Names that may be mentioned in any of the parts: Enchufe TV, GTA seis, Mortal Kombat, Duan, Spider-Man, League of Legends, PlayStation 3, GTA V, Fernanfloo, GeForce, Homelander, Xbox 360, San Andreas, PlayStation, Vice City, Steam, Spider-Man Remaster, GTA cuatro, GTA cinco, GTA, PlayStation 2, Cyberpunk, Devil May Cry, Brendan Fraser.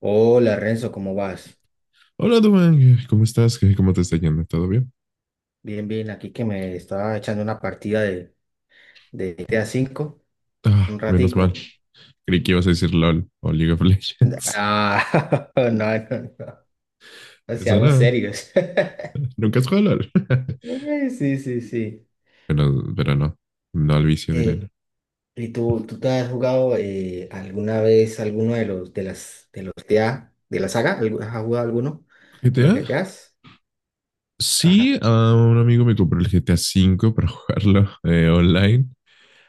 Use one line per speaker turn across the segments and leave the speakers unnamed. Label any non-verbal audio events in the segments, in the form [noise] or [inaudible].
Hola Renzo, ¿cómo vas?
Hola, Duan, ¿cómo estás? ¿Cómo te está yendo? ¿Todo bien?
Bien, bien, aquí que me estaba echando una partida de GTA V,
Ah,
un
menos mal.
ratico.
Creí que ibas a decir LOL o League of Legends.
Ah, [laughs] no, no,
[laughs]
no
Eso
seamos
no.
serios. [laughs]
Nunca has jugado LOL. [laughs]
Sí, sí, sí.
Pero no. No al vicio de
Eh,
Elena.
¿Y tú te has jugado alguna vez alguno de los GTA de la saga? ¿Has jugado alguno de los
¿GTA?
GTAs? Ajá,
Sí, a un amigo me compró el GTA cinco [laughs] para jugarlo online.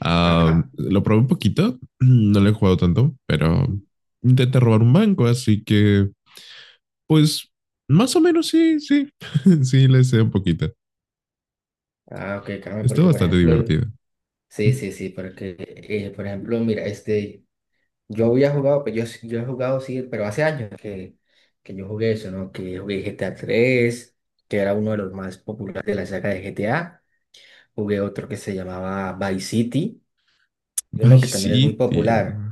Ah,
ajá.
lo probé un poquito. No lo he jugado tanto, pero intenté robar un banco, así que, pues, más o menos sí, sí. [laughs] Sí, le sé un poquito.
Ah, ok, Carmen,
Está
porque por
bastante
ejemplo,
divertido.
sí, sí, sí, porque por ejemplo, mira, este. Yo había jugado, pero yo he jugado, sí, pero hace años que yo jugué eso, ¿no? Que jugué GTA tres, que era uno de los más populares de la saga de GTA. Jugué otro que se llamaba Vice City, y uno que
Vice
también es muy
City.
popular,
Oh.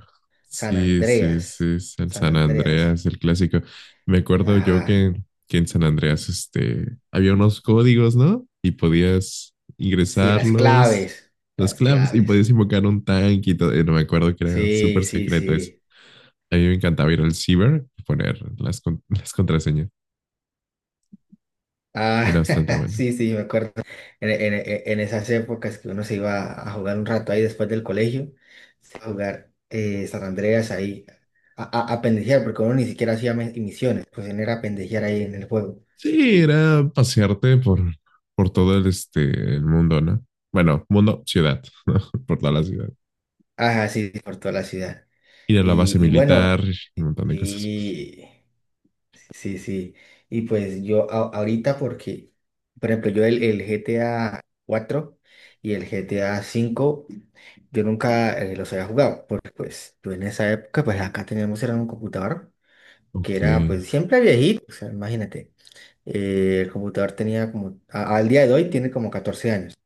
San
Sí, sí, sí,
Andreas.
es el
San
San
Andreas.
Andreas, el clásico. Me acuerdo yo
Ajá.
que en San Andreas este, había unos códigos, ¿no? Y podías
Sí, las
ingresarlos,
claves.
las
Las
claves, y
claves.
podías invocar un tanque y todo. No me acuerdo, que era
Sí,
súper
sí,
secreto eso.
sí.
A mí me encantaba ir al ciber y poner las, [laughs] las contraseñas. Era
Ah,
bastante
[laughs]
buena.
sí, sí, me acuerdo. En esas épocas que uno se iba a jugar un rato ahí después del colegio, se iba a jugar San Andreas ahí, a, a pendejear, porque uno ni siquiera hacía misiones. Pues uno era a pendejear ahí en el juego.
Sí, era pasearte por todo el, este, el mundo, ¿no? Bueno, mundo, ciudad, [laughs] ¿no? Por toda la ciudad.
Ajá, sí, sí, por toda la ciudad.
Ir a la base
Y bueno,
militar y un montón de cosas más.
sí, sí, sí. Y pues yo ahorita, porque, por ejemplo, yo el GTA cuatro y el GTA cinco. Yo nunca los había jugado, porque pues yo en esa época, pues acá teníamos era un computador que
Ok.
era pues siempre viejito, o sea, imagínate, el computador tenía como, al día de hoy tiene como 14 años,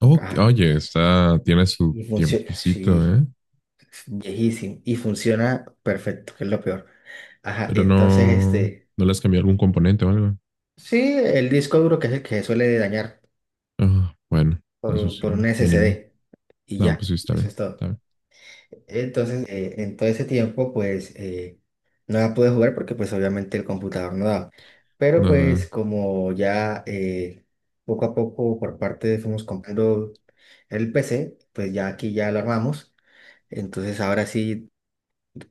Ok,
ajá,
oye, está, tiene su
y funciona,
tiempicito,
sí,
¿eh?
es viejísimo, y funciona perfecto, que es lo peor, ajá,
Pero
entonces
no,
este,
¿no le has cambiado algún componente o algo?
sí, el disco duro que es el que se suele dañar,
Ah, bueno, eso
por,
sí,
por un
mínimo.
SSD, y
No, pues
ya,
sí, está
eso
bien,
es
está
todo.
bien.
Entonces, en todo ese tiempo, pues, no la pude jugar porque, pues, obviamente el computador no daba. Pero, pues,
Nada.
como ya poco a poco por parte fuimos comprando el PC. Pues ya aquí ya lo armamos. Entonces, ahora sí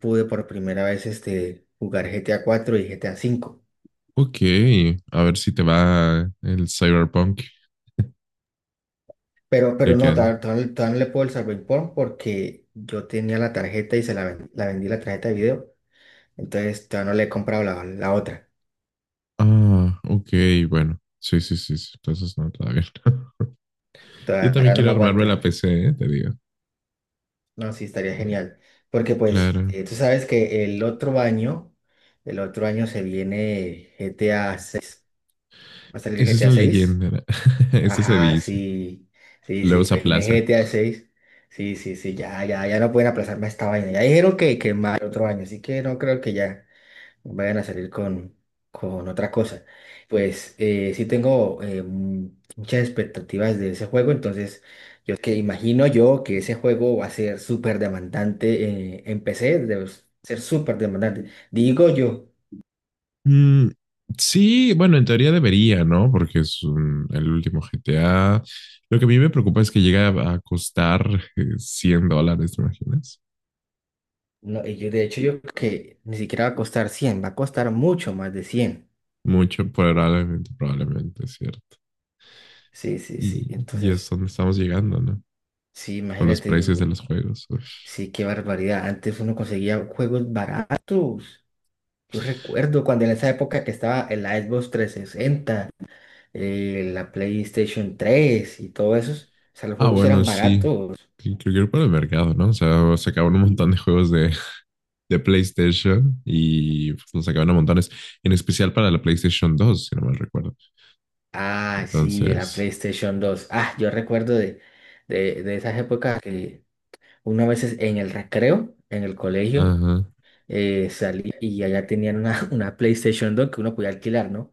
pude por primera vez este, jugar GTA cuatro y GTA cinco.
Ok, a ver si te va el Cyberpunk,
Pero,
ya
pero
que
no,
an-
no todavía no le puedo el Cyberpunk porque yo tenía la tarjeta y la vendí, la tarjeta de video. Entonces, todavía no le he comprado la otra.
Ah, ok, bueno. Sí, sí, sí, sí, entonces no, está bien. [laughs] Yo también
Todavía no
quiero
me
armarme la
aguanta.
PC, ¿eh? Te digo.
No, sí, estaría
Eh,
genial. Porque pues
claro.
tú sabes que el otro año se viene G T A seis. ¿Va a salir
Esa
G
es
T A
la
seis?
leyenda. [laughs] Eso se
Ajá,
dice.
sí, sí,
Luego
sí,
se
viene G
aplaza.
T A seis. Sí, sí, sí, ya, ya, ya no pueden aplazarme esta vaina. Ya dijeron que más el otro año, así que no creo que ya vayan a salir con otra cosa. Pues sí tengo muchas expectativas de ese juego. Entonces yo que imagino yo que ese juego va a ser súper demandante en PC, debe ser súper demandante. Digo yo,
Mm, sí, bueno, en teoría debería, ¿no? Porque el último GTA. Lo que a mí me preocupa es que llega a costar $100, ¿te imaginas?
no, y yo de hecho yo creo que ni siquiera va a costar 100, va a costar mucho más de 100.
Mucho, probablemente, probablemente, es cierto.
Sí, sí, sí,
Y, y es
entonces
donde estamos llegando, ¿no?
sí,
Por los
imagínate,
precios de los juegos. Uf.
sí, qué barbaridad. Antes uno conseguía juegos baratos. Yo recuerdo cuando en esa época que estaba el Xbox 360, la PlayStation 3 y todo eso. O sea, los
Ah,
juegos
bueno,
eran
sí.
baratos.
Creo que era por el mercado, ¿no? O sea, sacaban un montón de juegos de, [laughs] de PlayStation y pues, nos sacaban a montones, en especial para la PlayStation 2 si no mal recuerdo.
Ah, sí, la
Entonces,
PlayStation 2. Ah, yo recuerdo de, de esas épocas que uno a veces en el recreo, en el colegio,
ajá.
salía y allá tenían una, [laughs] una PlayStation 2 que uno podía alquilar, ¿no?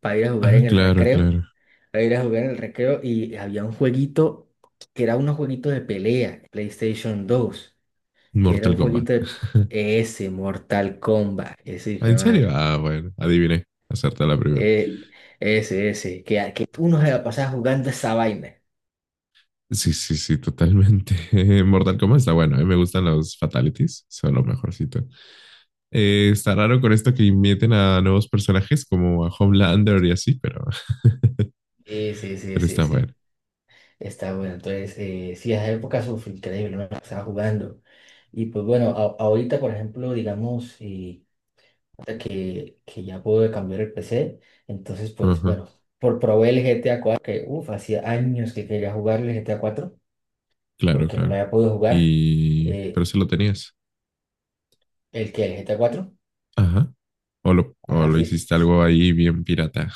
Para ir a jugar
Ah,
en el
claro,
recreo,
claro.
para ir a jugar en el recreo y había un jueguito que era unos jueguitos de pelea, PlayStation 2. Quiero
Mortal
un
Kombat.
poquito de
[laughs]
ese Mortal Kombat, ese
Ah,
hijo de
¿en serio?
madre.
Ah, bueno, adiviné. Acerté la primera.
Eh, ese, ese, que uno se va a pasar jugando esa vaina.
Sí, sí, sí, totalmente. [laughs] Mortal Kombat está bueno. A mí me gustan los fatalities. Son lo mejorcito. Está raro con esto que inviten a nuevos personajes como a Homelander y así, pero, [laughs]
Ese, ese,
pero
ese,
está bueno.
ese. Está bueno. Entonces, sí, esa época eso fue increíble, no me la pasaba jugando. Y pues bueno, ahorita, por ejemplo, digamos, y ahorita que ya pude cambiar el PC, entonces, pues
Ajá,
bueno, por probé el GTA cuatro que uff, hacía años que quería jugar el GTA cuatro
claro,
porque no lo
claro.
había podido jugar.
Y
Eh,
pero si lo tenías.
¿El GTA cuatro?
Ajá. O
Ajá,
lo
sí.
hiciste algo ahí bien pirata.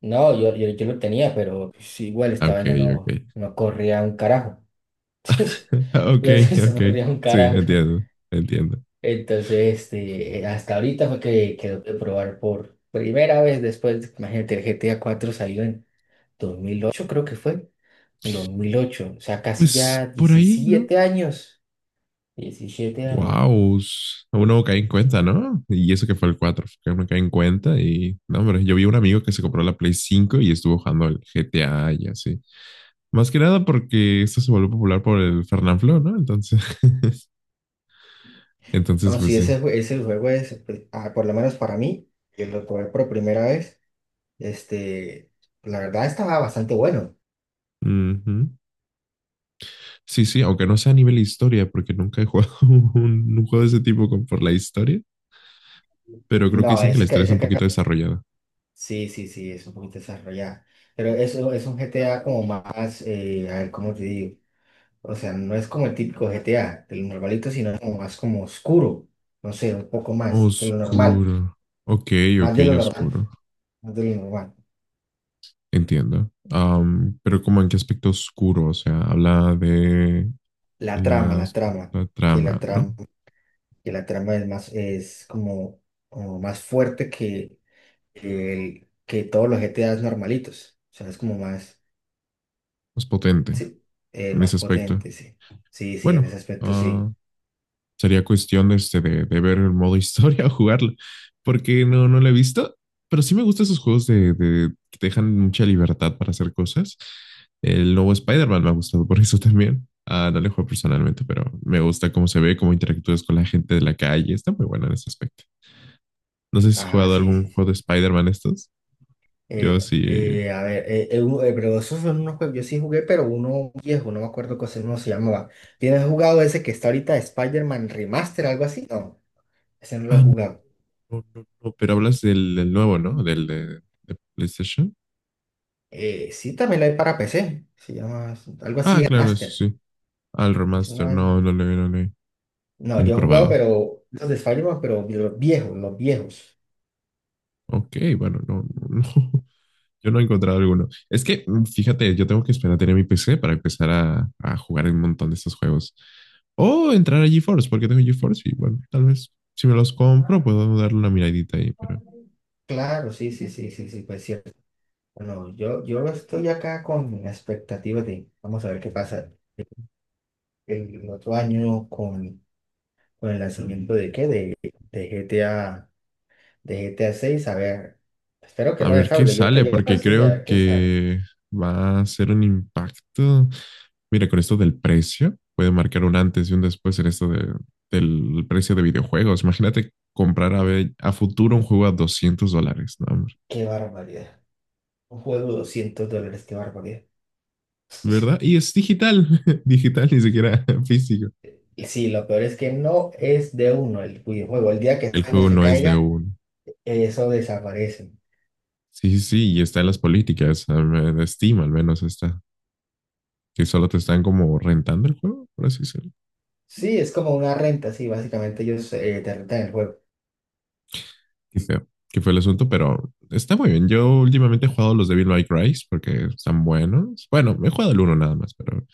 No, yo lo tenía, pero pues, igual esta
Ok,
vaina no,
ok.
no corría un carajo.
[laughs]
[laughs]
Ok,
La verdad, no se
ok.
corría un
Sí,
carajo.
entiendo, entiendo.
Entonces, este, hasta ahorita fue que quedó de probar por primera vez después, imagínate, el GTA cuatro salió en 2008, creo que fue, 2008, o sea, casi
Pues
ya
por ahí, ¿no?
17 años, 17 años.
Wow, aún no caí en cuenta, ¿no? Y eso que fue el 4 que aún no caí en cuenta y no, hombre, yo vi un amigo que se compró la Play 5 y estuvo jugando al GTA y así. Más que nada porque esto se volvió popular por el Fernanfloo, ¿no? Entonces, [laughs] entonces
No,
pues
sí,
sí.
ese, ese juego es, pues, por lo menos para mí, que lo probé por primera vez. Este, la verdad estaba bastante bueno.
Ujú. Sí, sí, aunque no sea a nivel historia, porque nunca he jugado [laughs] un juego de ese tipo por la historia, pero creo que
No,
dicen que la
ese,
historia está
ese
un poquito desarrollada.
sí, sí, sí, es un poquito desarrollado. Pero eso es un GTA como más, a ver, ¿cómo te digo? O sea, no es como el típico GTA, de lo normalito, sino como más, como oscuro. No sé, un poco más de lo normal.
Oscuro. Ok,
Más
ok,
de lo normal.
oscuro.
Más de lo normal.
Entiendo. Pero como en qué aspecto oscuro, o sea, habla de
La trama, la
las-
trama.
la
Que la
trama, ¿no?
trama, que la trama es más, es como, como más fuerte que todos los GTAs normalitos. O sea, es como más.
Es potente
Sí,
en
más
ese aspecto.
potente, sí. Sí, sí, en ese
Bueno,
aspecto
ah,
sí.
sería cuestión de, este, de ver el modo [laughs] historia o jugarlo, porque no, no lo he visto, pero sí me gustan esos juegos de, que te dejan mucha libertad para hacer cosas. El nuevo Spider-Man me ha gustado por eso también. Ah, no le juego personalmente, pero me gusta cómo se ve, cómo interactúas con la gente de la calle. Está muy buena en ese aspecto. No sé si has
Ah,
jugado
sí,
algún
sí. Sí.
juego de Spider-Man estos. Yo sí.
A ver, pero esos son unos juegos, yo sí jugué, pero uno viejo, no me acuerdo cómo se llamaba. ¿Tienes jugado ese que está ahorita Spider-Man Remaster, algo así? No, ese no lo he
Ah, no,
jugado.
no, no, no, pero hablas del, del nuevo, ¿no? Del de PlayStation.
Sí, también lo hay para PC, se llama algo
Ah,
así
claro, eso
Remaster.
sí. Al
Es una
remaster.
vaina.
No, no le, no le, no
No,
lo he
yo he jugado,
probado.
pero los de Spider-Man, pero los viejos, los viejos.
Ok, bueno, no, no, no. [laughs] Yo no he encontrado alguno. Es que, fíjate, yo tengo que esperar a tener mi PC para empezar a jugar un montón de estos juegos. O entrar a GeForce, porque tengo GeForce y bueno, tal vez si me los compro puedo darle una miradita ahí, pero
Claro, sí, sí, sí, sí, sí, pues cierto. Bueno, yo estoy acá con la expectativa de, vamos a ver qué pasa el otro año con, el lanzamiento de qué, de, de GTA, de GTA 6, a seis, a ver. Espero que
a
no
ver qué
defraude, yo que
sale,
yo creo que
porque
sí, a
creo
ver qué sale.
que va a ser un impacto. Mira, con esto del precio, puede marcar un antes y un después en esto del precio de videojuegos. Imagínate comprar a, a futuro un juego a $200, ¿no?
Qué barbaridad. Un juego de $200, qué barbaridad. [laughs]
¿Verdad? Y es digital, [laughs] digital, ni siquiera [laughs] físico.
Y sí, lo peor es que no es de uno el videojuego. El día que esa
El
vaina
juego
se
no es de
caiga,
uno.
eso desaparece.
Sí, sí, sí, y está en las políticas, a ver, de Steam al menos está, que solo te están como rentando el juego, por así decirlo.
Sí, es como una renta, sí, básicamente ellos te rentan el juego.
Qué feo, que fue el asunto, pero está muy bien. Yo últimamente he jugado los Devil May Cry porque están buenos. Bueno, he jugado el uno nada más, pero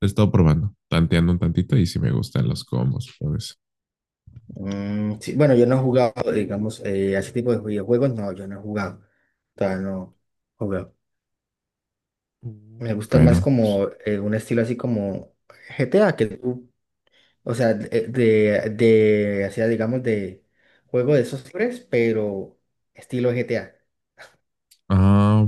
he estado probando, tanteando un tantito y si sí me gustan los combos, pues.
Mm, sí, bueno, yo no he jugado, digamos, a ese tipo de videojuegos, no, yo no he jugado. Todavía no juego. Me gusta más
Bueno,
como un estilo así como GTA, que tú, o sea, hacía, digamos, de juego de esos tres, pero estilo GTA.
ah,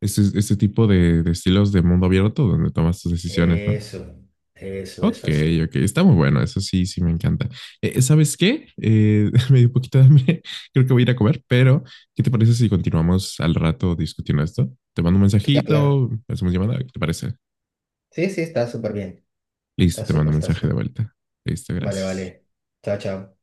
este tipo de estilos de mundo abierto donde tomas tus decisiones, ¿no?
Eso, eso, eso
Ok,
así.
ok, está muy bueno, eso sí, sí me encanta. ¿Sabes qué? [laughs] Me dio un poquito de hambre, [laughs] creo que voy a ir a comer, pero ¿qué te parece si continuamos al rato discutiendo esto? Te mando un
Claro, claro.
mensajito, hacemos llamada, ¿qué te parece?
Sí, sí, está súper bien.
Listo,
Está
te mando
súper,
un
está
mensaje de
súper.
vuelta. Listo,
Vale,
gracias.
vale. Chao, chao.